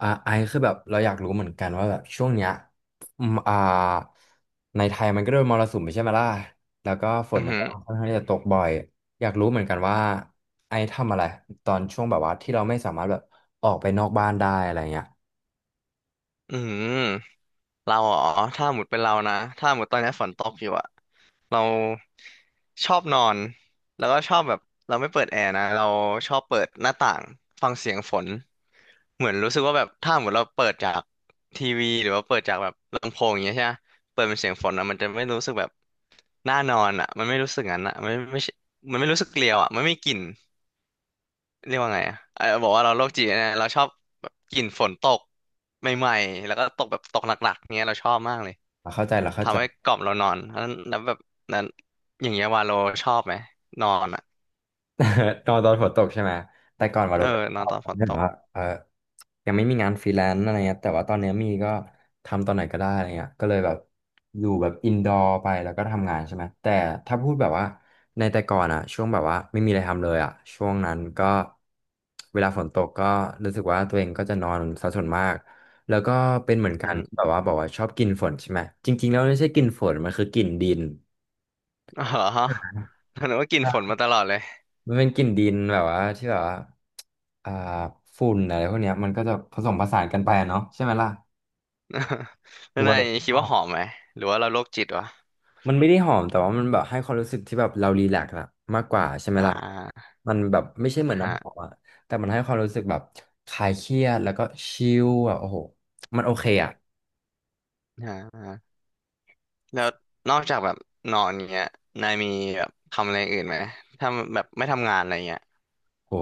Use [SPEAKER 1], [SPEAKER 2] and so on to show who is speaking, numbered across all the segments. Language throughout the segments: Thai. [SPEAKER 1] ไอคือแบบเราอยากรู้เหมือนกันว่าแบบช่วงเนี้ยอืมอ่าในไทยมันก็โดนมรสุมไปใช่ไหมล่ะแล้วก็ฝน
[SPEAKER 2] อือ
[SPEAKER 1] มัน
[SPEAKER 2] หื
[SPEAKER 1] ก็
[SPEAKER 2] อ
[SPEAKER 1] ค่อนข้างที่จะตกบ่อยอยากรู้เหมือนกันว่าไอทำอะไรตอนช่วงแบบว่าที่เราไม่สามารถแบบออกไปนอกบ้านได้อะไรเงี้ย
[SPEAKER 2] อือหือเราอ๋อถ้าหมดเป็นเรานะ ถ้าหมดตอนนี้ฝนตกอยู่อะเราชอบนอน แล้วก็ชอบแบบเราไม่เปิดแอร์นะเราชอบเปิดหน้าต่างฟังเสียงฝนเหมือนรู้สึกว่าแบบถ้าหมดเราเปิดจากทีวีหรือว่าเปิดจากแบบลำโพงอย่างเงี้ยใช่ไหมเปิดเป็นเสียงฝนอะมันจะไม่รู้สึกแบบน่านอนอะ มันไม่รู้สึกงั้นอะมันไม่ไม่ใช่มันไม่รู้สึกเกลียวอะมันไม่มีกลิ่น เรียกว่าไงอ่ะเออบอกว่าเราโรคจิตนะ เราชอบแบบกลิ่นฝนตกใหม่ๆ แล้วก็ตกแบบตกหนักๆเนี้ยเราชอบมากเลย
[SPEAKER 1] เราเข้าใจเราเข้าใจ
[SPEAKER 2] ทำให้กล่อมเรานอนแล้วแบบนั้นอย่างเงี้ยวาโลชอบไหมนอนอ่ะ
[SPEAKER 1] ตอนฝนตกใช่ไหมแต่ก่อนว่า
[SPEAKER 2] เอ
[SPEAKER 1] เรา
[SPEAKER 2] อ
[SPEAKER 1] ก็
[SPEAKER 2] น
[SPEAKER 1] ช
[SPEAKER 2] อ
[SPEAKER 1] อ
[SPEAKER 2] น
[SPEAKER 1] บ
[SPEAKER 2] ตอนฝน
[SPEAKER 1] แบ
[SPEAKER 2] ต
[SPEAKER 1] บ
[SPEAKER 2] ก
[SPEAKER 1] ว่าเออ ยังไม่มีงานฟรีแลนซ์อะไรเงี้ยแต่ว่าตอนเนี้ยมีก็ทำตอนไหนก็ได้อะไรเงี้ยก็เลยแบบอยู่แบบอินดอร์ไปแล้วก็ทำงานใช่ไหมแต่ถ้าพูดแบบว่าในแต่ก่อนอะช่วงแบบว่าไม่มีอะไรทำเลยอะช่วงนั้นก็เวลาฝนตกก็รู้สึกว่าตัวเองก็จะนอนซะส่วนมากแล้วก็เป็นเหมือ
[SPEAKER 2] อื
[SPEAKER 1] น
[SPEAKER 2] อ
[SPEAKER 1] กั
[SPEAKER 2] หื
[SPEAKER 1] น
[SPEAKER 2] อ
[SPEAKER 1] ที่แบบว่าบอกว่าชอบกลิ่นฝนใช่ไหมจริงๆแล้วไม่ใช่กลิ่นฝนมันคือกลิ่นดิน
[SPEAKER 2] อ๋อเหรอหนูว่ากลิ่นฝน
[SPEAKER 1] ใช่
[SPEAKER 2] มาตลอดเลย
[SPEAKER 1] มันเป็นกลิ่นดินแบบว่าที่แบบว่าอ่าฝุ่นอะไรพวกเนี้ยมันก็จะผสมผสานกันไปอะเนาะใช่ไหมล่ะ
[SPEAKER 2] แล้
[SPEAKER 1] คื
[SPEAKER 2] ว
[SPEAKER 1] อว่า
[SPEAKER 2] นาย
[SPEAKER 1] เราช
[SPEAKER 2] คิด
[SPEAKER 1] อ
[SPEAKER 2] ว่า
[SPEAKER 1] บ
[SPEAKER 2] หอมไหมหรือว่าเราโรคจิตวะ
[SPEAKER 1] มันไม่ได้หอมแต่ว่ามันแบบให้ความรู้สึกที่แบบเรารีแลกซ์อะมากกว่าใช่ไหม
[SPEAKER 2] อ่า
[SPEAKER 1] ล่ะ
[SPEAKER 2] อ่
[SPEAKER 1] มันแบบไม่ใช่เหมือ
[SPEAKER 2] า
[SPEAKER 1] นน้ำหอม
[SPEAKER 2] ฮะ
[SPEAKER 1] อะแต่มันให้ความรู้สึกแบบคลายเครียดแล้วก็ชิลอะโอ้โหมันโอเคอะ
[SPEAKER 2] อ่าฮะแล้วนอกจากแบบนอนเงี้ยนายมีแบบทำอะไรอื่นไหมทำแบบไม่ทำงานอะไรเงี้ย
[SPEAKER 1] โห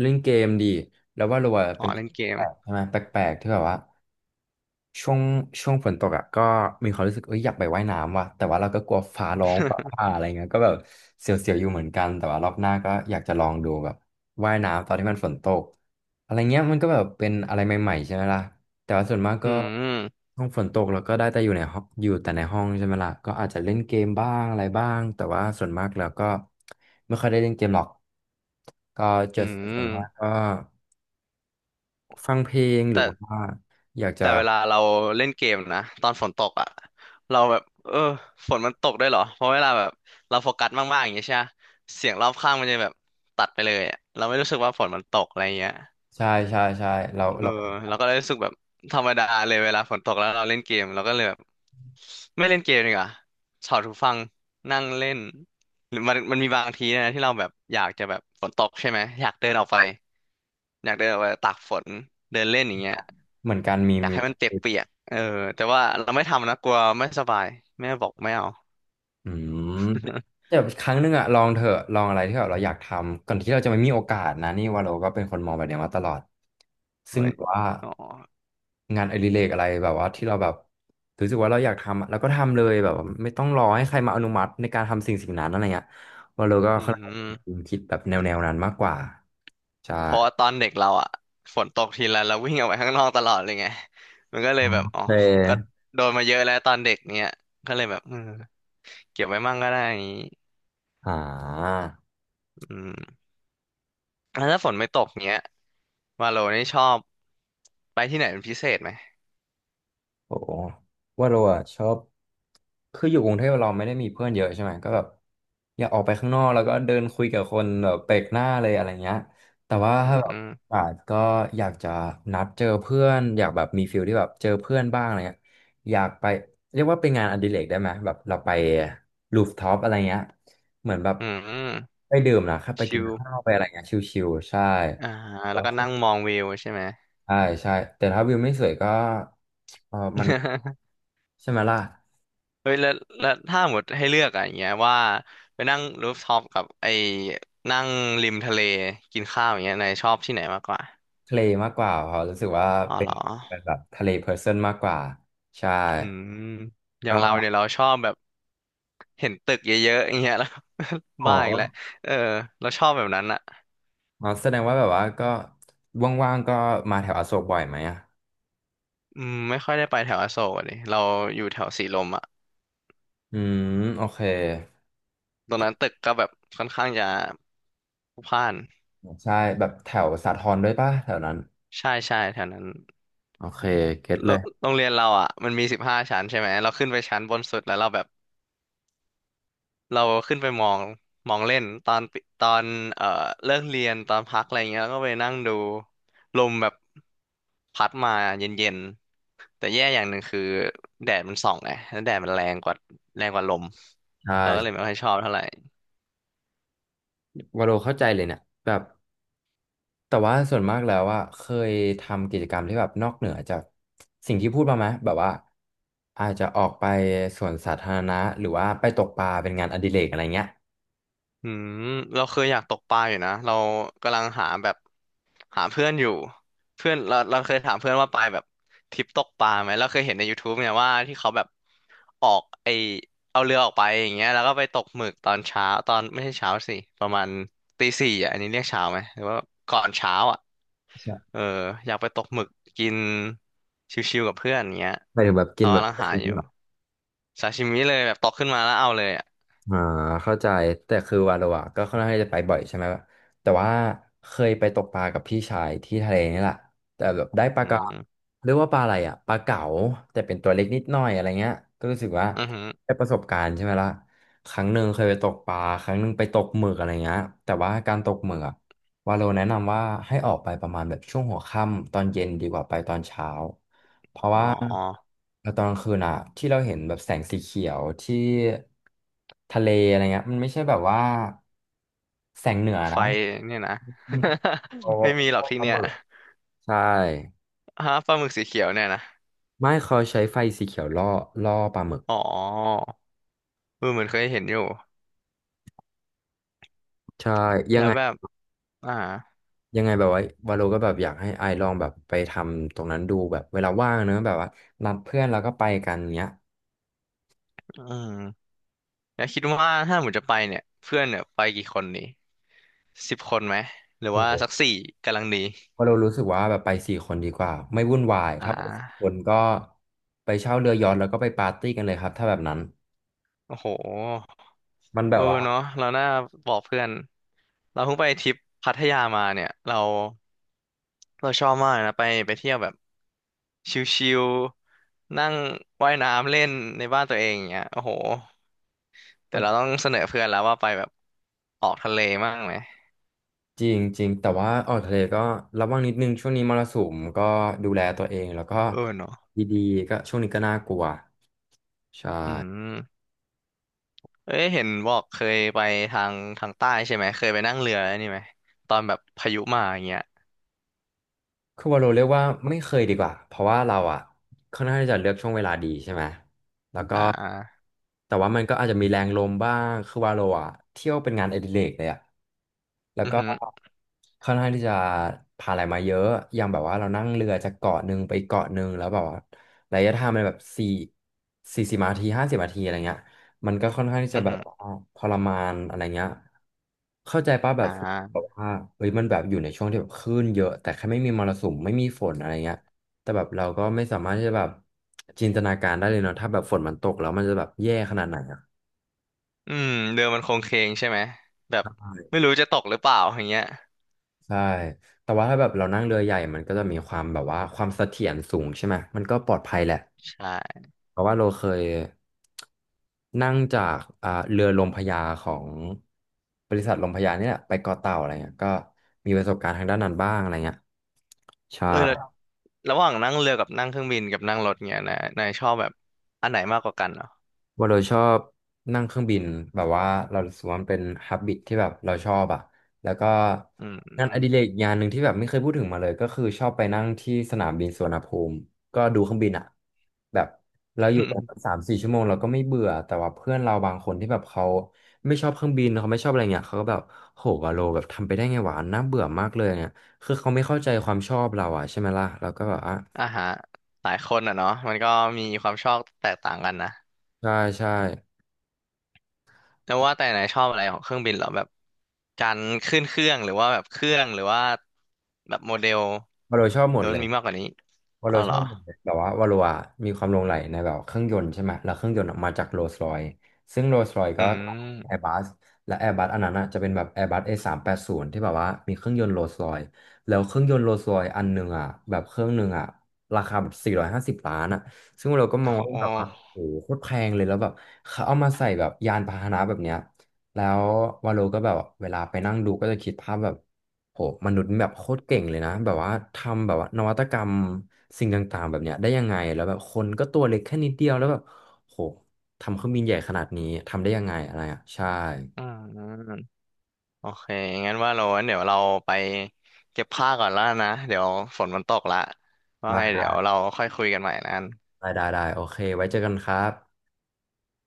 [SPEAKER 1] เล่นเกมดีแล้วว่าเราอะ
[SPEAKER 2] อ๋อ
[SPEAKER 1] เป็น
[SPEAKER 2] เล่นเก
[SPEAKER 1] แป
[SPEAKER 2] ม
[SPEAKER 1] ลกๆใช่ไหมแปลกๆที่แบบว่า ช่วงช่วงฝนตกอ่ะก็มีความรู้สึกเอ้ยอยากไปว่ายน้ำว่ะแต่ว่าเราก็กลัวฟ้าร้องฟ้า ผ่าอะไรเงี้ยก็แบบเสียวๆอยู่เหมือนกันแต่ว่ารอบหน้าก็อยากจะลองดูแบบว่ายน้ำตอนที่มันฝนตกอะไรเงี้ยมันก็แบบเป็นอะไรใหม่ๆใช่ไหมล่ะแต่ว่าส่วนมาก
[SPEAKER 2] อื
[SPEAKER 1] ก็
[SPEAKER 2] ม
[SPEAKER 1] ห้องฝนตกเราก็ได้แต่อยู่ในห้องอยู่แต่ในห้องใช่ไหมล่ะก็อาจจะเล่นเกมบ้างอะไรบ้างแต่ว่าส่วนมากแล้วก็ไม่ค่อยได้เล่นเกมหรอกก็
[SPEAKER 2] อื
[SPEAKER 1] จะส่วนมาก
[SPEAKER 2] ม
[SPEAKER 1] ก็ฟังเพลงหรื
[SPEAKER 2] แต่
[SPEAKER 1] อว่าอยากจะ
[SPEAKER 2] แต่เวลาเราเล่นเกมนะตอนฝนตกอ่ะเราแบบเออฝนมันตกได้วยเหรอเพราะเวลาแบบเราโฟกัสมากๆอย่างเงี้ยใช่ไหมเสียงรอบข้างมันจะแบบตัดไปเลยอะเราไม่รู้สึกว่าฝนมันตกอะไรเงี้ย
[SPEAKER 1] ใช่ใช่ใช่เรา
[SPEAKER 2] เออ
[SPEAKER 1] เรา
[SPEAKER 2] เราก็เลยรู้สึกแบบธรรมดาเลยเวลาฝนตกแล้วเราเล่นเกมเราก็เลยแบบไม่เล่นเกมดีกว่าถอดหูฟังนั่งเล่นหรือมันมีบางทีนะที่เราแบบอยากจะแบบฝนตกใช่ไหมอยากเดินออกไปอยากเดินออกไปตากฝนเดินเล่นอย่างเงี้ย
[SPEAKER 1] เหมือนการมี
[SPEAKER 2] อยาก
[SPEAKER 1] มี
[SPEAKER 2] ให้มันเปียกๆเออแต่ว่าเราไม่ทำนะกลัวไม่สบายแม่บอกไม่เอา
[SPEAKER 1] อืม แต่ครั้งหนึ่งอะลองเถอะลองอะไรที่แบบเราอยากทำก่อนที่เราจะไม่มีโอกาสนะนี่ว่าเราก็เป็นคนมองแบบเนี้ยมาตลอด
[SPEAKER 2] โอ้
[SPEAKER 1] ซึ่ง
[SPEAKER 2] ย
[SPEAKER 1] แบบว่า
[SPEAKER 2] อ๋อ
[SPEAKER 1] งานอดิเรกอะไรแบบว่าที่เราแบบรู้สึกว่าเราอยากทำอะเราก็ทำเลยแบบว่าไม่ต้องรอให้ใครมาอนุมัติในการทำสิ่งสิ่งนั้นอะไรเงี้ยว่าเราก็
[SPEAKER 2] อื
[SPEAKER 1] ค่อนข้าง
[SPEAKER 2] ม
[SPEAKER 1] คิดแบบแนวแนวนั้นมากกว่าใช่
[SPEAKER 2] เพราะว่าตอนเด็กเราอะฝนตกทีไรเราวิ่งออกไปข้างนอกตลอดเลยไงมันก็เล
[SPEAKER 1] โอ
[SPEAKER 2] ยแบบอ๋อ
[SPEAKER 1] เ
[SPEAKER 2] ก็
[SPEAKER 1] ค
[SPEAKER 2] โดนมาเยอะแล้วตอนเด็กเนี้ยก็เลยแบบเออเก็บไว้มั่งก็ได้อย่างนี้
[SPEAKER 1] อ่า
[SPEAKER 2] อืมแล้วถ้าฝนไม่ตกเนี้ยวาโลนี่ชอบไปที่ไหนเป็นพิเศษไหม
[SPEAKER 1] โอ้ว่าเราอะชอบคืออยู่กรุงเทพเราไม่ได้มีเพื่อนเยอะใช่ไหมก็แบบอยากออกไปข้างนอกแล้วก็เดินคุยกับคนแบบแปลกหน้าเลยอะไรเงี้ยแต่ว่า
[SPEAKER 2] อื
[SPEAKER 1] ถ้าแบบ
[SPEAKER 2] ม
[SPEAKER 1] อาจก็อยากจะนัดเจอเพื่อนอยากแบบมีฟิลที่แบบเจอเพื่อนบ้างอะไรเงี้ยอยากไปเรียกว่าเป็นงานอดิเรกได้ไหมแบบเราไปรูฟท็อปอะไรเงี้ยเหมือนแบบ
[SPEAKER 2] อืม
[SPEAKER 1] ไปดื่มนะครับไปกิ
[SPEAKER 2] ชิ
[SPEAKER 1] น
[SPEAKER 2] ล
[SPEAKER 1] ข้าวไปอะไรเงี้ยชิวๆใช่
[SPEAKER 2] อ่าแล้วก็นั่งมองวิวใช่ไหม
[SPEAKER 1] ใช่ใช่แต่ถ้าวิวไม่สวยก็เออมัน ใช่ไหมล่ะ
[SPEAKER 2] เฮ้ยแล้วแล้วถ้าหมดให้เลือกอะอย่างเงี้ยว่าไปนั่งรูฟท็อปกับไอ้นั่งริมทะเลกินข้าวอย่างเงี้ยนายชอบที่ไหนมากกว่า
[SPEAKER 1] ทะเลมากกว่าเขาะรู้สึกว่า
[SPEAKER 2] อ๋อ
[SPEAKER 1] เป็
[SPEAKER 2] เหร
[SPEAKER 1] น
[SPEAKER 2] อ
[SPEAKER 1] เป็นแบบทะเลเพอร์เซนต์มากกว่าใช่
[SPEAKER 2] อืมอย่างเรา
[SPEAKER 1] ก็
[SPEAKER 2] เนี่ยเราชอบแบบเห็นตึกเยอะๆอย่างเงี้ยแล้ว
[SPEAKER 1] อ๋อ
[SPEAKER 2] บ้าอีกแล้วเออเราชอบแบบนั้นอะ
[SPEAKER 1] อ๋อแสดงว่าแบบว่าก็ว่างๆก็มาแถวอโศกบ่อยไหมอ่ะ
[SPEAKER 2] อืมไม่ค่อยได้ไปแถวอโศกอะดิเราอยู่แถวสีลมอะ
[SPEAKER 1] อืมโอเค
[SPEAKER 2] ตรงนั้นตึกก็แบบค่อนข้างจะพลุกพล่าน
[SPEAKER 1] ใช่แบบแถวสาทรด้วยป่ะแถวนั้น
[SPEAKER 2] ใช่ใช่แถวนั้น
[SPEAKER 1] โอเคเก็ต
[SPEAKER 2] โร
[SPEAKER 1] เลย
[SPEAKER 2] โรงเรียนเราอ่ะมันมี15 ชั้นใช่ไหมเราขึ้นไปชั้นบนสุดแล้วเราแบบ เราขึ้นไปมองมองเล่น ตอนเอ่อเลิกเรียน ตอนพักอะไรเงี้ยก็ไปนั่งดูลมแบบพัดมาเย็นๆ แต่แย่อย่างหนึ่งคือแดดมันส่องไงแล้วแดดมันแรงกว่าแรงกว่าลม
[SPEAKER 1] ใ
[SPEAKER 2] เราก็เลย
[SPEAKER 1] ช่
[SPEAKER 2] ไม่ค่อยชอบเท่าไหร่
[SPEAKER 1] วาโลเข้าใจเลยเนี่ยแบบ แต่ว่าส่วนมากแล้วอะเคยทำกิจกรรมที่แบบนอกเหนือจากสิ่งที่พูดมาไหมแบบว่าอาจจะออกไปสวนสาธารณะหรือว่าไปตกปลาเป็นงานอดิเรกอะไรเงี้ย
[SPEAKER 2] อืมเราเคยอยากตกปลาอยู่นะเรากำลังหาแบบหาเพื่อนอยู่เพื่อนเราเคยถามเพื่อนว่าไปแบบทริปตกปลาไหมเราเคยเห็นในย o ทูบเนี่ยว่าที่เขาแบบออกไอเอาเรือออกไปอย่างเงี้ยแล้วก็ไปตกหมึกตอนเช้าตอนไม่ใช่เช้าสิประมาณตีสี่อ่ะอันนี้เรียกเช้าไหมหรือว่าก่อนเช้าอ่ะ
[SPEAKER 1] ใช่
[SPEAKER 2] เอออยากไปตกหมึกกินชิวๆกับเพื่อนอย่างเงี้ย
[SPEAKER 1] หมายถึงแบบกิ
[SPEAKER 2] เรา
[SPEAKER 1] นแบบ
[SPEAKER 2] กำลังหาอยู่ ซาชิมิเลยแบบตกขึ้นมาแล้วเอาเลยอ่ะ
[SPEAKER 1] อ่าเข้าใจแต่คือวาโลอะก็ค่อนข้างจะไปบ่อยใช่ไหมแต่ว่าเคยไปตกปลากับพี่ชายที่ทะเลนี่แหละแต่แบบได้ปลา
[SPEAKER 2] อื
[SPEAKER 1] กระ
[SPEAKER 2] ม
[SPEAKER 1] เรียกว่าปลาอะไรอะปลาเก๋าแต่เป็นตัวเล็กนิดหน่อยอะไรเงี้ยก็รู้สึกว่า
[SPEAKER 2] อือหือ
[SPEAKER 1] ได้ประสบการณ์ใช่ไหมล่ะครั้งหนึ่งเคยไปตกปลาครั้งหนึ่งไปตกหมึกอะไรเงี้ยแต่ว่าการตกหมึกอะวาโลแนะนำว่าให้ออกไปประมาณแบบช่วงหัวค่ำตอนเย็นดีกว่าไปตอนเช้า เพราะ
[SPEAKER 2] อ๋
[SPEAKER 1] ว่า
[SPEAKER 2] อ
[SPEAKER 1] ตอนกลางคืนอะที่เราเห็นแบบแสงสีเขียวที่ทะเลอะไรเงี้ยมันไม่ใช่แบบว่าแสงเหนือ
[SPEAKER 2] ไฟ
[SPEAKER 1] นะ
[SPEAKER 2] เนี่ยนะ
[SPEAKER 1] มัน เขาล่
[SPEAKER 2] ไม่
[SPEAKER 1] อ
[SPEAKER 2] มีหรอกที่
[SPEAKER 1] ปลา
[SPEAKER 2] เนี่
[SPEAKER 1] ห
[SPEAKER 2] ย
[SPEAKER 1] มึกใช่
[SPEAKER 2] ฮะปลาหมึกสีเขียวเนี่ยนะ
[SPEAKER 1] ไม่เขาใช้ไฟสีเขียวล่อล่อปลาหมึก
[SPEAKER 2] อ๋อเออเหมือนเคยเห็นอยู่
[SPEAKER 1] ใช่ยั
[SPEAKER 2] แล้
[SPEAKER 1] ง
[SPEAKER 2] ว
[SPEAKER 1] ไง
[SPEAKER 2] แบบอ่า
[SPEAKER 1] ยังไงแบบว่าวาโลก็แบบอยากให้ไอลองแบบไปทำตรงนั้นดูแบบเวลาว่างเนอะแบบว่านัดเพื่อนแล้วก็ไปกันเงี้ย
[SPEAKER 2] อืมแล้วคิดว่าถ้าหมูจะไปเนี่ยเพื่อนเนี่ยไปกี่คนนี่10 คนไหมหรือว่า
[SPEAKER 1] โห
[SPEAKER 2] สักสี่กำลังดี
[SPEAKER 1] เพราะเรารู้สึกว่าแบบไปสี่คนดีกว่าไม่วุ่นวาย
[SPEAKER 2] อ่
[SPEAKER 1] ถ้าไปสี่ค
[SPEAKER 2] า
[SPEAKER 1] นก็ไปเช่าเรือยอชท์แล้วก็ไปปาร์ตี้กันเลยครับถ้าแบบนั้น
[SPEAKER 2] โอ้โห
[SPEAKER 1] มันแบ
[SPEAKER 2] เออ
[SPEAKER 1] บว่า
[SPEAKER 2] เนาะเราน่าบอกเพื่อนเราเพิ่งไปทริปพัทยามาเนี่ยเรา เราชอบมากนะไปเที่ยวแบบชิลๆนั่งว่ายน้ำเล่นในบ้านตัวเองอย่างเงี้ยโอ้โหแต่เราต้องเสนอเพื่อนแล้วว่าไปแบบออกทะเลมั่งไหม
[SPEAKER 1] จริงจริงแต่ว่าออกทะเลก็ระวังนิดนึงช่วงนี้มรสุมก็ดูแลตัวเองแล้วก็
[SPEAKER 2] เออเนาะ
[SPEAKER 1] ดีๆก็ช่วงนี้ก็น่ากลัวใช่
[SPEAKER 2] อืมเอ้ยเห็นบอกเคยไปทางใต้ใช่ไหมเคยไปนั่งเรือนี่ไหมตอนแบบพายุมาอย่างเงี้ย
[SPEAKER 1] คือว่าเราเรียกว่าไม่เคยดีกว่าเพราะว่าเราอ่ะค่อนข้างที่จะเลือกช่วงเวลาดีใช่ไหมแล้วก็
[SPEAKER 2] อ่า
[SPEAKER 1] แต่ว่ามันก็อาจจะมีแรงลมบ้างคือว่าเราอ่ะเที่ยวเป็นงานอดิเรกเลยอ่ะ แล้ว
[SPEAKER 2] อือ
[SPEAKER 1] ก็
[SPEAKER 2] หือ
[SPEAKER 1] ค่อนข้างที่จะผ่านอะไรมาเยอะอย่างแบบว่าเรานั่งเรือจากเกาะหนึ่งไปเกาะหนึ่งแล้วแบบว่าระยะทางมันแบบสี่สิบนาทีห้าสิบนาทีอะไรเงี้ยมันก็ค่อนข้างที่จะ
[SPEAKER 2] อือ
[SPEAKER 1] แบบ
[SPEAKER 2] หือ
[SPEAKER 1] ว่าทรมานอะไรเงี้ยเข้าใจป่ะแบ
[SPEAKER 2] อ่
[SPEAKER 1] บแบบ
[SPEAKER 2] า
[SPEAKER 1] ว่าเฮ้ยมันแบบอยู่ในช่วงที่แบบคลื่นเยอะแต่แค่ไม่มีมรสุมไม่มีฝนอะไรเงี้ยแต่แบบเราก็ไม่สามารถที่จะแบบจินตนาการได้เลยเนาะถ้าแบบฝนมันตกแล้วมันจะแบบแย่ขนาดไหนอะ
[SPEAKER 2] อืมเรือมันโคงเคงใช่ไหมแบบไม่รู้จะตกหรือเปล่าอย่างเงี้ย
[SPEAKER 1] ใช่ แต่ว่าถ้าแบบเรานั่งเรือใหญ่มันก็จะมีความแบบว่าความเสถียรสูงใช่ไหม มันก็ปลอดภัยแหละ
[SPEAKER 2] ใช่
[SPEAKER 1] เพราะว่าเราเคยนั่งจากเรือลมพระยาของบริษัทลมพระยานี่แหละไปเกาะเต่าอะไรเงี้ยก็มีประสบการณ์ทางด้านนั้นบ้างอะไรเงี้ยใช่
[SPEAKER 2] เออ ระหว่างนั่งเรือกับนั่งเครื่องบินกับนั่งรถเงี้ยนายชอบแบบอันไหนมากกว่ากันเหรอ
[SPEAKER 1] ว่าเราชอบนั่งเครื่องบินแบบว่าเรารู้สึกว่ามันเป็นฮับบิตที่แบบเราชอบอ่ะแล้วก็
[SPEAKER 2] อืม
[SPEAKER 1] งานอดิเรกงานหนึ่งที่แบบไม่เคยพูดถึงมาเลยก็คือชอบไปนั่งที่สนามบินสุวรรณภูมิก็ดูเครื่องบินอ่ะแบบเราอยู่กัน สามสี่ชั่วโมงเราก็ไม่เบื่อแต่ว่าเพื่อนเราบางคนที่แบบเขาไม่ชอบเครื่องบินเขาไม่ชอบอะไรเงี้ยเขาก็แบบโหวาโลแบบทำไปได้ไงวะน่าเบื่อมากเลยเนี่ยคือเขาไม่เข้าใจความชอบเราอ่ะใช่ไหมล่ะเราก็แบบอ่ะ
[SPEAKER 2] อ่าฮะหลายคนอ่ะเนาะมันก็มีความชอบแตกต่างกันนะ
[SPEAKER 1] ใช่ใช่
[SPEAKER 2] แล้วว่าแต่นายชอบอะไรของเครื่องบินเหรอแบบการขึ้นเครื่องหรือว่าแบบเครื่องหรือว่าแบบโมเดล
[SPEAKER 1] วาโลชอบห
[SPEAKER 2] ห
[SPEAKER 1] ม
[SPEAKER 2] รื
[SPEAKER 1] ด
[SPEAKER 2] อ
[SPEAKER 1] เล
[SPEAKER 2] มัน
[SPEAKER 1] ย
[SPEAKER 2] มีมากกว่านี้
[SPEAKER 1] วา
[SPEAKER 2] อ๋อ
[SPEAKER 1] โล
[SPEAKER 2] เห
[SPEAKER 1] ช
[SPEAKER 2] ร
[SPEAKER 1] อ
[SPEAKER 2] อ
[SPEAKER 1] บแบบว่าวาโลอะมีความหลงใหลในแบบเครื่องยนต์ใช่ไหมแล้วเครื่องยนต์อะมาจากโรลส์รอยซซึ่งโรลส์รอยซ์
[SPEAKER 2] อื
[SPEAKER 1] ก็แอร์
[SPEAKER 2] ม
[SPEAKER 1] บัสและแอร์บัสอันนั้นอะจะเป็นแบบแอร์บัส A380 ที่แบบว่ามีเครื่องยนต์โรลส์รอยซ์แล้วเครื่องยนต์โรลส์รอยซ์อันหนึ่งอะแบบเครื่องหนึ่งอะราคาแบบ450ล้านอะซึ่งเราก็ม
[SPEAKER 2] โอ้
[SPEAKER 1] อง
[SPEAKER 2] โห
[SPEAKER 1] ว่าแบบว่าโอ้โหโคตรแพงเลยแล้วแบบเขาเอามาใส่แบบยานพาหนะแบบเนี้ยแล้ววาโลก็แบบเวลาไปนั่งดูก็จะคิดภาพแบบ โหมนุษย์แบบโคตรเก่งเลยนะ แบบว่าทำแบบว่านวัตกรรมสิ่งต่างๆแบบเนี้ยได้ยังไง แล้วแบบคนก็ตัวเล็กแค่นิดเดียวแล้วแบบโหทำเครื่องบินใหญ่ขนาดนี้ทำได้ยังไงอะไรอ่ะ ใช่
[SPEAKER 2] อืมโอเคงั้นว่าเรางั้นเดี๋ยวเราไปเก็บผ้าก่อนแล้วนะเดี๋ยวฝนมันตกละว่าไงเดี๋
[SPEAKER 1] ได้
[SPEAKER 2] ยวเราค่อยคุยกันใหม่นะ
[SPEAKER 1] ได้โอเค ไว้เจอกันครับ